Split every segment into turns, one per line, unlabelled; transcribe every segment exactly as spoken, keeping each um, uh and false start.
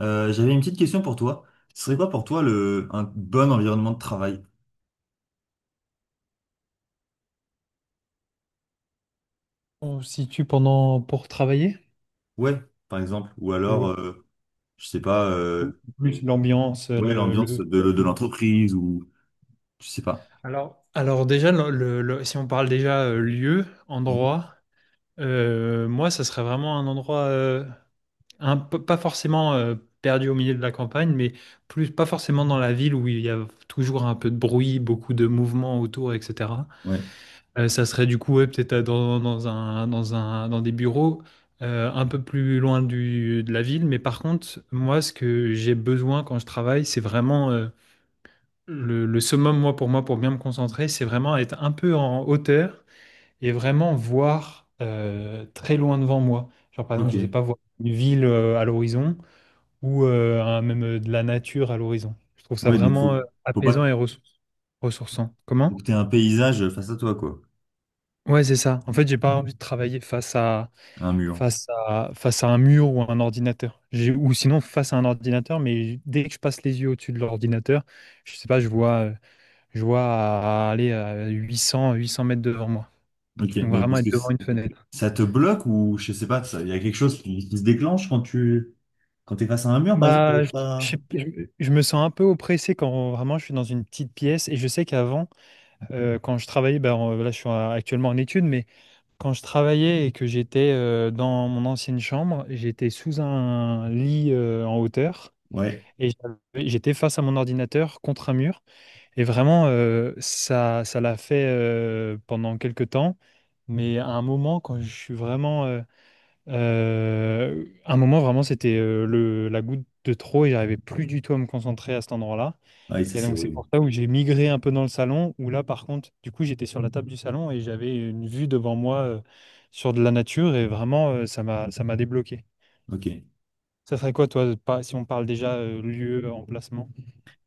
Euh, j'avais une petite question pour toi. Ce serait quoi pour toi le, un bon environnement de travail?
On se situe pendant pour travailler
Ouais, par exemple. Ou alors,
ou,
euh, je sais pas,
ou
euh,
plus l'ambiance,
ouais,
le,
l'ambiance
le-
de, de l'entreprise ou je sais pas.
Alors, alors déjà, le- le- le- si on parle déjà euh, lieu,
Mhm.
endroit, euh, moi, ça serait vraiment un endroit, euh, un peu- pas forcément euh, perdu au milieu de la campagne, mais plus pas forcément dans la ville où il y a toujours un peu de bruit, beaucoup de mouvements autour, et cetera.
Ouais,
Euh, ça serait du coup ouais, peut-être euh, dans, dans un, dans un, dans des bureaux euh, un peu plus loin du, de la ville. Mais par contre, moi, ce que j'ai besoin quand je travaille, c'est vraiment euh, le, le summum, moi, pour moi, pour bien me concentrer, c'est vraiment être un peu en hauteur et vraiment voir euh, très loin devant moi. Genre, par exemple,
ok.
je ne sais pas, voir une ville euh, à l'horizon ou euh, un- même euh, de la nature à l'horizon. Je trouve ça
Ouais, donc
vraiment
faut,
euh,
faut pas
apaisant et ressour- ressourçant.
faut
Comment?
que t'aies un paysage face à toi, quoi.
Ouais, c'est ça. En fait, j'ai pas envie de travailler face à
Un mur.
face à, face à un mur ou à un ordinateur. J'ai- Ou sinon face à un ordinateur, mais dès que je passe les yeux au-dessus de l'ordinateur, je sais pas, je vois, euh, je vois à- à aller à huit cents, huit cents mètres devant moi.
Ok,
Donc
mais
vraiment
parce que
être devant
c-
une fenêtre.
ça te bloque ou je sais pas, il y a quelque chose qui, qui se déclenche quand tu quand t'es face à un mur, par exemple, t'arrives
Bah, je, je
pas.
sais- je- je me sens un peu oppressé quand vraiment je suis dans une petite pièce et je sais qu'avant, euh, quand je travaillais, bah, en- là je suis en- actuellement en études, mais quand je travaillais et que j'étais euh, dans mon ancienne chambre, j'étais sous un lit euh, en hauteur.
Ouais,
Et j'avais- j'étais face à mon ordinateur contre un mur. Et vraiment, euh, ça, ça l'a fait euh, pendant quelques temps. Mais à un moment, quand je suis vraiment. Euh, euh, un moment, vraiment, c'était euh, le, la goutte de trop et j'arrivais plus du tout à me concentrer à cet endroit-là.
ouais, ça
Et
c'est
donc, c'est
horrible.
pour ça où j'ai migré un peu dans le salon, où là, par contre, du coup, j'étais sur la table du salon et j'avais une vue devant moi euh, sur de la nature et vraiment, euh, ça m'a, ça m'a débloqué.
Ok.
Ça serait quoi, toi, pas- si on parle déjà euh, lieu, emplacement?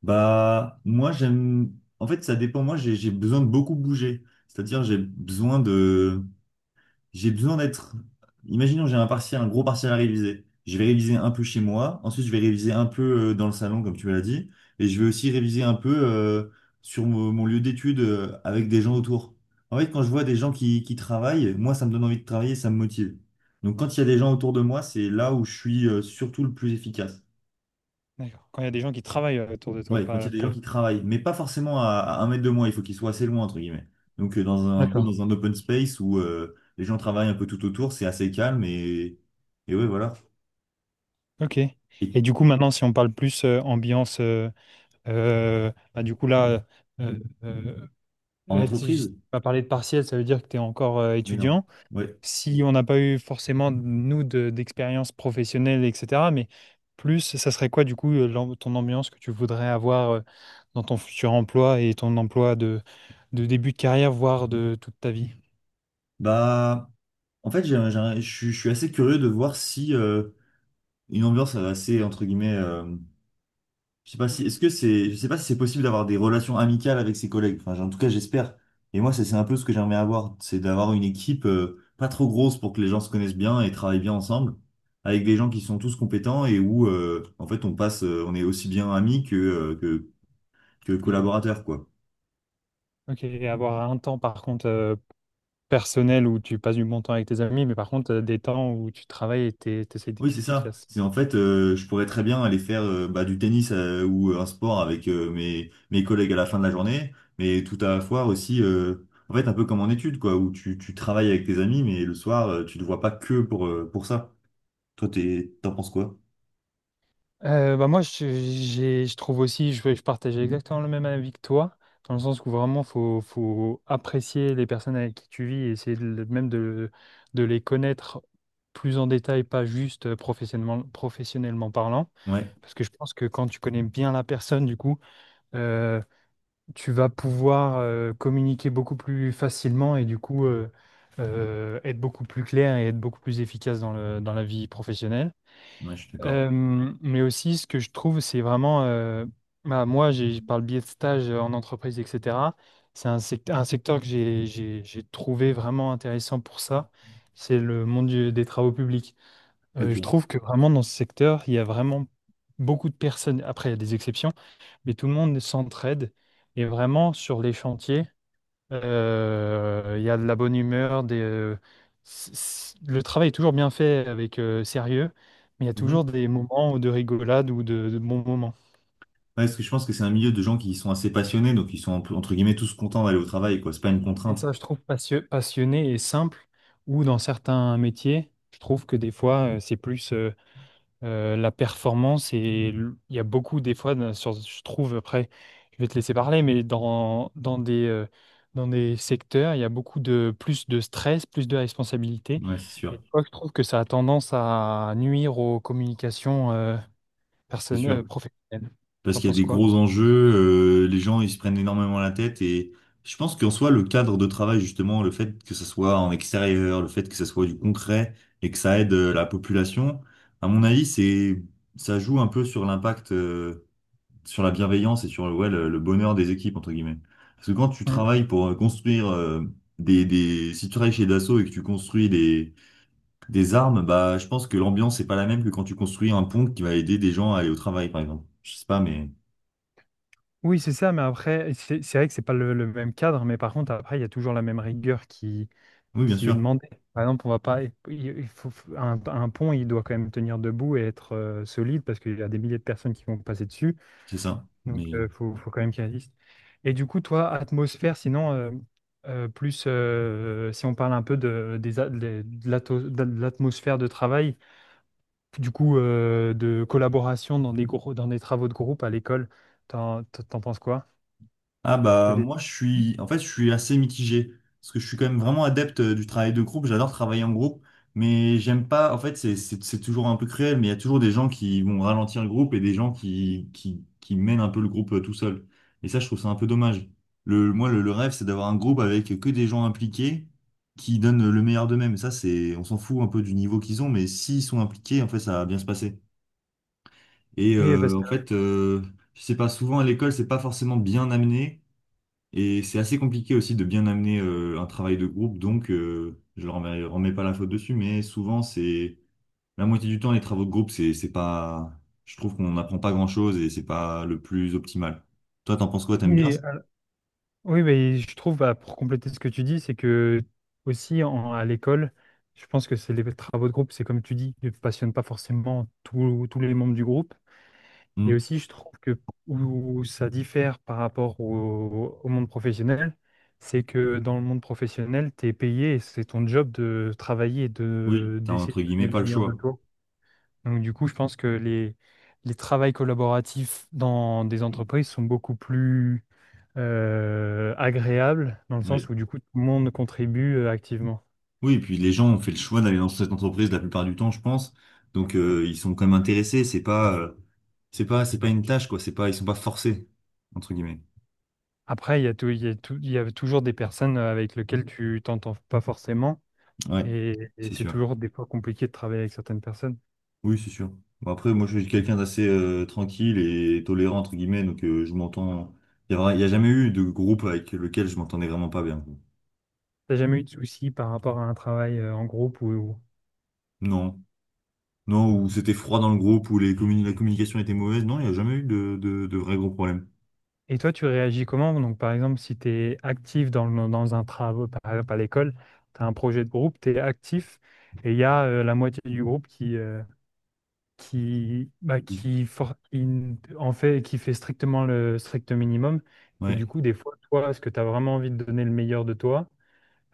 Bah, moi, j'aime. En fait, ça dépend. Moi, j'ai j'ai besoin de beaucoup bouger. C'est-à-dire, j'ai besoin de. J'ai besoin d'être. imaginons, j'ai un partiel, un gros partiel à réviser. Je vais réviser un peu chez moi. Ensuite, je vais réviser un peu euh, dans le salon, comme tu me l'as dit. Et je vais aussi réviser un peu euh, sur mon, mon lieu d'étude euh, avec des gens autour. En fait, quand je vois des gens qui, qui travaillent, moi, ça me donne envie de travailler, ça me motive. Donc, quand il y a des gens autour de moi, c'est là où je suis euh, surtout le plus efficace.
D'accord. Quand il y a des gens qui travaillent autour de toi,
Ouais, quand il y
pas,
a des
pas
gens
le-
qui travaillent, mais pas forcément à, à un mètre de moi, il faut qu'ils soient assez loin, entre guillemets. Donc, euh, dans un, un peu
D'accord.
dans un open space où euh, les gens travaillent un peu tout autour, c'est assez calme et, et ouais, voilà.
Ok.
Et
Et du coup, maintenant, si on parle plus euh, ambiance, euh, euh, bah, du coup, là, euh, euh,
en
là, tu
entreprise?
vas parler de partiel, ça veut dire que tu es encore euh,
Mais non.
étudiant.
Ouais.
Si on n'a pas eu forcément, nous, de- d'expérience professionnelle, et cetera, mais plus, ça serait quoi, du coup, euh, l'am- ton ambiance que tu voudrais avoir euh, dans ton futur emploi et ton emploi de, de début de carrière, voire de toute ta vie?
Bah, en fait, j'ai un- j'ai un- je suis je suis assez curieux de voir si euh, une ambiance assez, entre guillemets, euh, je sais pas si, est-ce que c'est, je sais pas si c'est possible d'avoir des relations amicales avec ses collègues. Enfin, j'ai- en tout cas, j'espère. Et moi, c'est c'est un peu ce que j'aimerais avoir, c'est d'avoir une équipe euh, pas trop grosse pour que les gens se connaissent bien et travaillent bien ensemble, avec des gens qui sont tous compétents et où, euh, en fait, on passe, euh, on est aussi bien amis que, euh, que, que collaborateurs, quoi.
Ok. Et avoir un temps, par contre, euh, personnel où tu passes du bon temps avec tes amis, mais par contre, euh, des temps où tu travailles et t'es- t'essaies
Oui,
d'être
c'est ça.
efficace.
C'est en fait, euh, je pourrais très bien aller faire euh, bah, du tennis euh, ou euh, un sport avec euh, mes, mes collègues à la fin de la journée, mais tout à la fois aussi, euh, en fait, un peu comme en études, quoi, où tu, tu travailles avec tes amis, mais le soir, euh, tu ne te vois pas que pour, euh, pour ça. Toi, t'es, t'en penses quoi?
Euh, bah moi, je, j'ai- je trouve aussi, je, je partage exactement le même avis que toi, dans le sens où vraiment, faut, faut apprécier les personnes avec qui tu vis et essayer de- même de, de les connaître plus en détail, pas juste euh, professionnellement, professionnellement parlant.
Ouais,
Parce que je pense que quand tu connais bien la personne, du coup, euh, tu vas pouvoir euh, communiquer beaucoup plus facilement et du coup euh, euh, être beaucoup plus clair et être beaucoup plus efficace dans le, dans la vie professionnelle.
ouais, je suis d'accord.
Euh, mais aussi, ce que je trouve, c'est vraiment, euh, bah, moi, j'ai, par le biais de stages euh, en entreprise, et cetera, c'est un secteur, un secteur que j'ai, j'ai, j'ai trouvé vraiment intéressant pour ça, c'est le monde du- des travaux publics. Euh, je
Ok.
trouve que vraiment dans ce secteur, il y a vraiment beaucoup de personnes. Après, il y a des exceptions, mais tout le monde s'entraide. Et vraiment, sur les chantiers, euh, il y a de la bonne humeur. Des, euh, c- c- le travail est toujours bien fait avec euh, sérieux, mais il y a
Mhm.
toujours des moments de rigolade ou de, de bons moments.
Ouais, parce que je pense que c'est un milieu de gens qui sont assez passionnés, donc ils sont entre guillemets tous contents d'aller au travail, quoi. C'est pas une
Et
contrainte.
ça, je trouve passio- passionné et simple, ou dans certains métiers, je trouve que des fois, euh, c'est plus, euh, euh, la performance et l- il y a beaucoup des fois dans- sur- je trouve, après, je vais te laisser parler, mais dans dans des euh, dans des secteurs il y a beaucoup de plus de stress, plus de responsabilité,
Ouais, c'est
et
sûr.
des fois, je trouve que ça a tendance à nuire aux communications euh,
C'est
personne-
sûr.
euh, professionnelles.
Parce
T'en
qu'il y a
penses
des
quoi?
gros enjeux, euh, les gens ils se prennent énormément la tête et je pense qu'en soi le cadre de travail justement, le fait que ça soit en extérieur, le fait que ça soit du concret et que ça aide euh, la population, à mon avis c'est ça joue un peu sur l'impact, euh, sur la bienveillance et sur ouais, le, le bonheur des équipes entre guillemets. Parce que quand tu
Mm.
travailles pour euh, construire euh, des, des si tu travailles chez Dassault et que tu construis des des armes, bah je pense que l'ambiance c'est pas la même que quand tu construis un pont qui va aider des gens à aller au travail par exemple. Je sais pas mais
Oui, c'est ça, mais après, c'est c'est vrai que c'est pas le, le même cadre, mais par contre, après, il y a toujours la même rigueur qui,
oui, bien
qui est
sûr,
demandé. Par exemple, on va pas, il il faut, un, un pont, il doit quand même tenir debout et être euh, solide parce qu'il y a des milliers de personnes qui vont passer dessus.
c'est ça.
Donc,
Mais
il faut, faut quand même qu'il résiste. Et du coup, toi, atmosphère, sinon, euh, euh, plus euh, si on parle un peu de, des a- des- de l'ato- de l'atmosphère de travail, du coup, euh, de collaboration dans des, gros, dans des travaux de groupe à l'école, t'en, t'en penses quoi?
ah
T'as
bah
des-
moi je suis en fait je suis assez mitigé parce que je suis quand même vraiment adepte euh, du travail de groupe, j'adore travailler en groupe, mais j'aime pas en fait c'est c'est c'est toujours un peu cruel, mais il y a toujours des gens qui vont ralentir le groupe et des gens qui qui qui mènent un peu le groupe euh, tout seul. Et ça je trouve ça un peu dommage. Le moi le, le rêve c'est d'avoir un groupe avec que des gens impliqués qui donnent le meilleur d'eux-mêmes. Ça c'est on s'en fout un peu du niveau qu'ils ont, mais s'ils sont impliqués en fait ça va bien se passer. Et
Oui, parce
euh, en
que-
fait, euh, je pas, souvent à l'école, c'est pas forcément bien amené. Et c'est assez compliqué aussi de bien amener euh, un travail de groupe. Donc, euh, je leur remets, remets pas la faute dessus. Mais souvent, c'est la moitié du temps, les travaux de groupe, c'est c'est pas. je trouve qu'on n'apprend pas grand-chose et c'est pas le plus optimal. Toi, t'en penses quoi? T'aimes bien
oui,
ça?
oui, mais je trouve, bah, pour compléter ce que tu dis, c'est que aussi en- à l'école, je pense que c'est les travaux de groupe, c'est comme tu dis, ne passionne pas forcément tous tous les membres du groupe. Et
Hmm.
aussi, je trouve que où ça diffère par rapport au, au monde professionnel, c'est que dans le monde professionnel, tu es payé et c'est ton job de travailler et
Oui,
de,
t'as
d'essayer
entre
de
guillemets
donner le
pas le
meilleur de
choix.
toi. Donc, du coup, je pense que les, les travails collaboratifs dans des entreprises sont beaucoup plus euh, agréable, dans le sens
Oui.
où du coup tout le monde contribue euh, activement.
Oui, et puis les gens ont fait le choix d'aller dans cette entreprise la plupart du temps, je pense. Donc, euh, ils sont quand même intéressés. C'est pas. euh, C'est pas, c'est pas une tâche, quoi. C'est pas, ils sont pas forcés, entre guillemets.
Après, il y a tou- il y a tou- il y a toujours des personnes euh, avec lesquelles tu t'entends pas forcément,
Ouais,
et, et
c'est
c'est
sûr.
toujours des fois compliqué de travailler avec certaines personnes.
Oui, c'est sûr. Bon, après, moi, je suis quelqu'un d'assez euh, tranquille et tolérant, entre guillemets, donc euh, je m'entends. Il y a, vra- il y a jamais eu de groupe avec lequel je m'entendais vraiment pas bien. Quoi.
T'as jamais eu de soucis par rapport à un travail euh, en groupe ou... ou-
Non. Non, où c'était froid dans le groupe, où les communi- la communication était mauvaise. Non, il n'y a jamais eu de, de, de vrais gros problèmes.
Et toi, tu réagis comment? Donc, par exemple, si tu es actif dans, le- dans un travail, par exemple à l'école, tu as un projet de groupe, tu es actif, et il y a euh, la moitié du groupe qui euh, qui, bah, qui, for- qui n- en fait, qui fait strictement le strict minimum. Et du
Ouais.
coup, des fois, toi, est-ce que tu as vraiment envie de donner le meilleur de toi?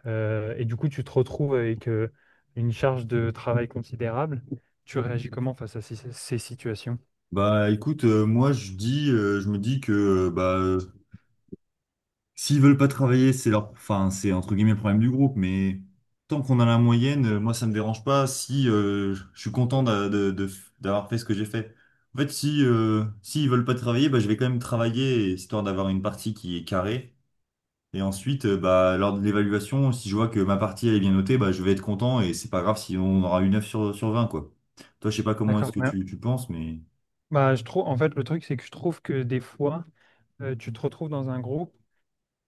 Euh, et du coup, tu te retrouves avec euh, une charge de travail considérable. Tu réagis comment face à ces, ces situations?
Bah écoute, euh, moi je dis, euh, je me dis que euh, bah s'ils veulent pas travailler, c'est leur, enfin, c'est entre guillemets le problème du groupe, mais tant qu'on a la moyenne, euh, moi ça me dérange pas si euh, je suis content d'a- de- de- d'avoir fait ce que j'ai fait. En fait, si euh, s'ils veulent pas travailler, bah, je vais quand même travailler histoire d'avoir une partie qui est carrée. Et ensuite, euh, bah, lors de l'évaluation, si je vois que ma partie elle est bien notée, bah, je vais être content et c'est pas grave si on aura une neuf sur, sur vingt quoi. Toi, je sais pas comment est-ce
D'accord.
que
Mais-
tu, tu penses, mais
bah, je trouve, en fait, le truc, c'est que je trouve que des fois, euh, tu te retrouves dans un groupe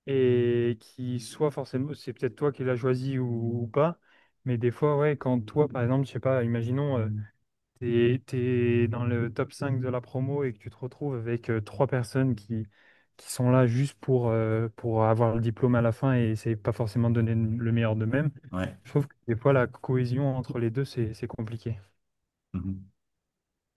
et qui soit forcément, c'est peut-être toi qui l'as choisi ou, ou pas, mais des fois, ouais, quand toi, par exemple, je sais pas, imaginons. t'es, t'es dans le top cinq de la promo et que tu te retrouves avec euh, trois personnes qui, qui sont là juste pour, euh, pour avoir le diplôme à la fin et c'est pas forcément donner le meilleur d'eux-mêmes.
ouais.
Je trouve que des fois, la cohésion entre les deux, c'est, c'est compliqué.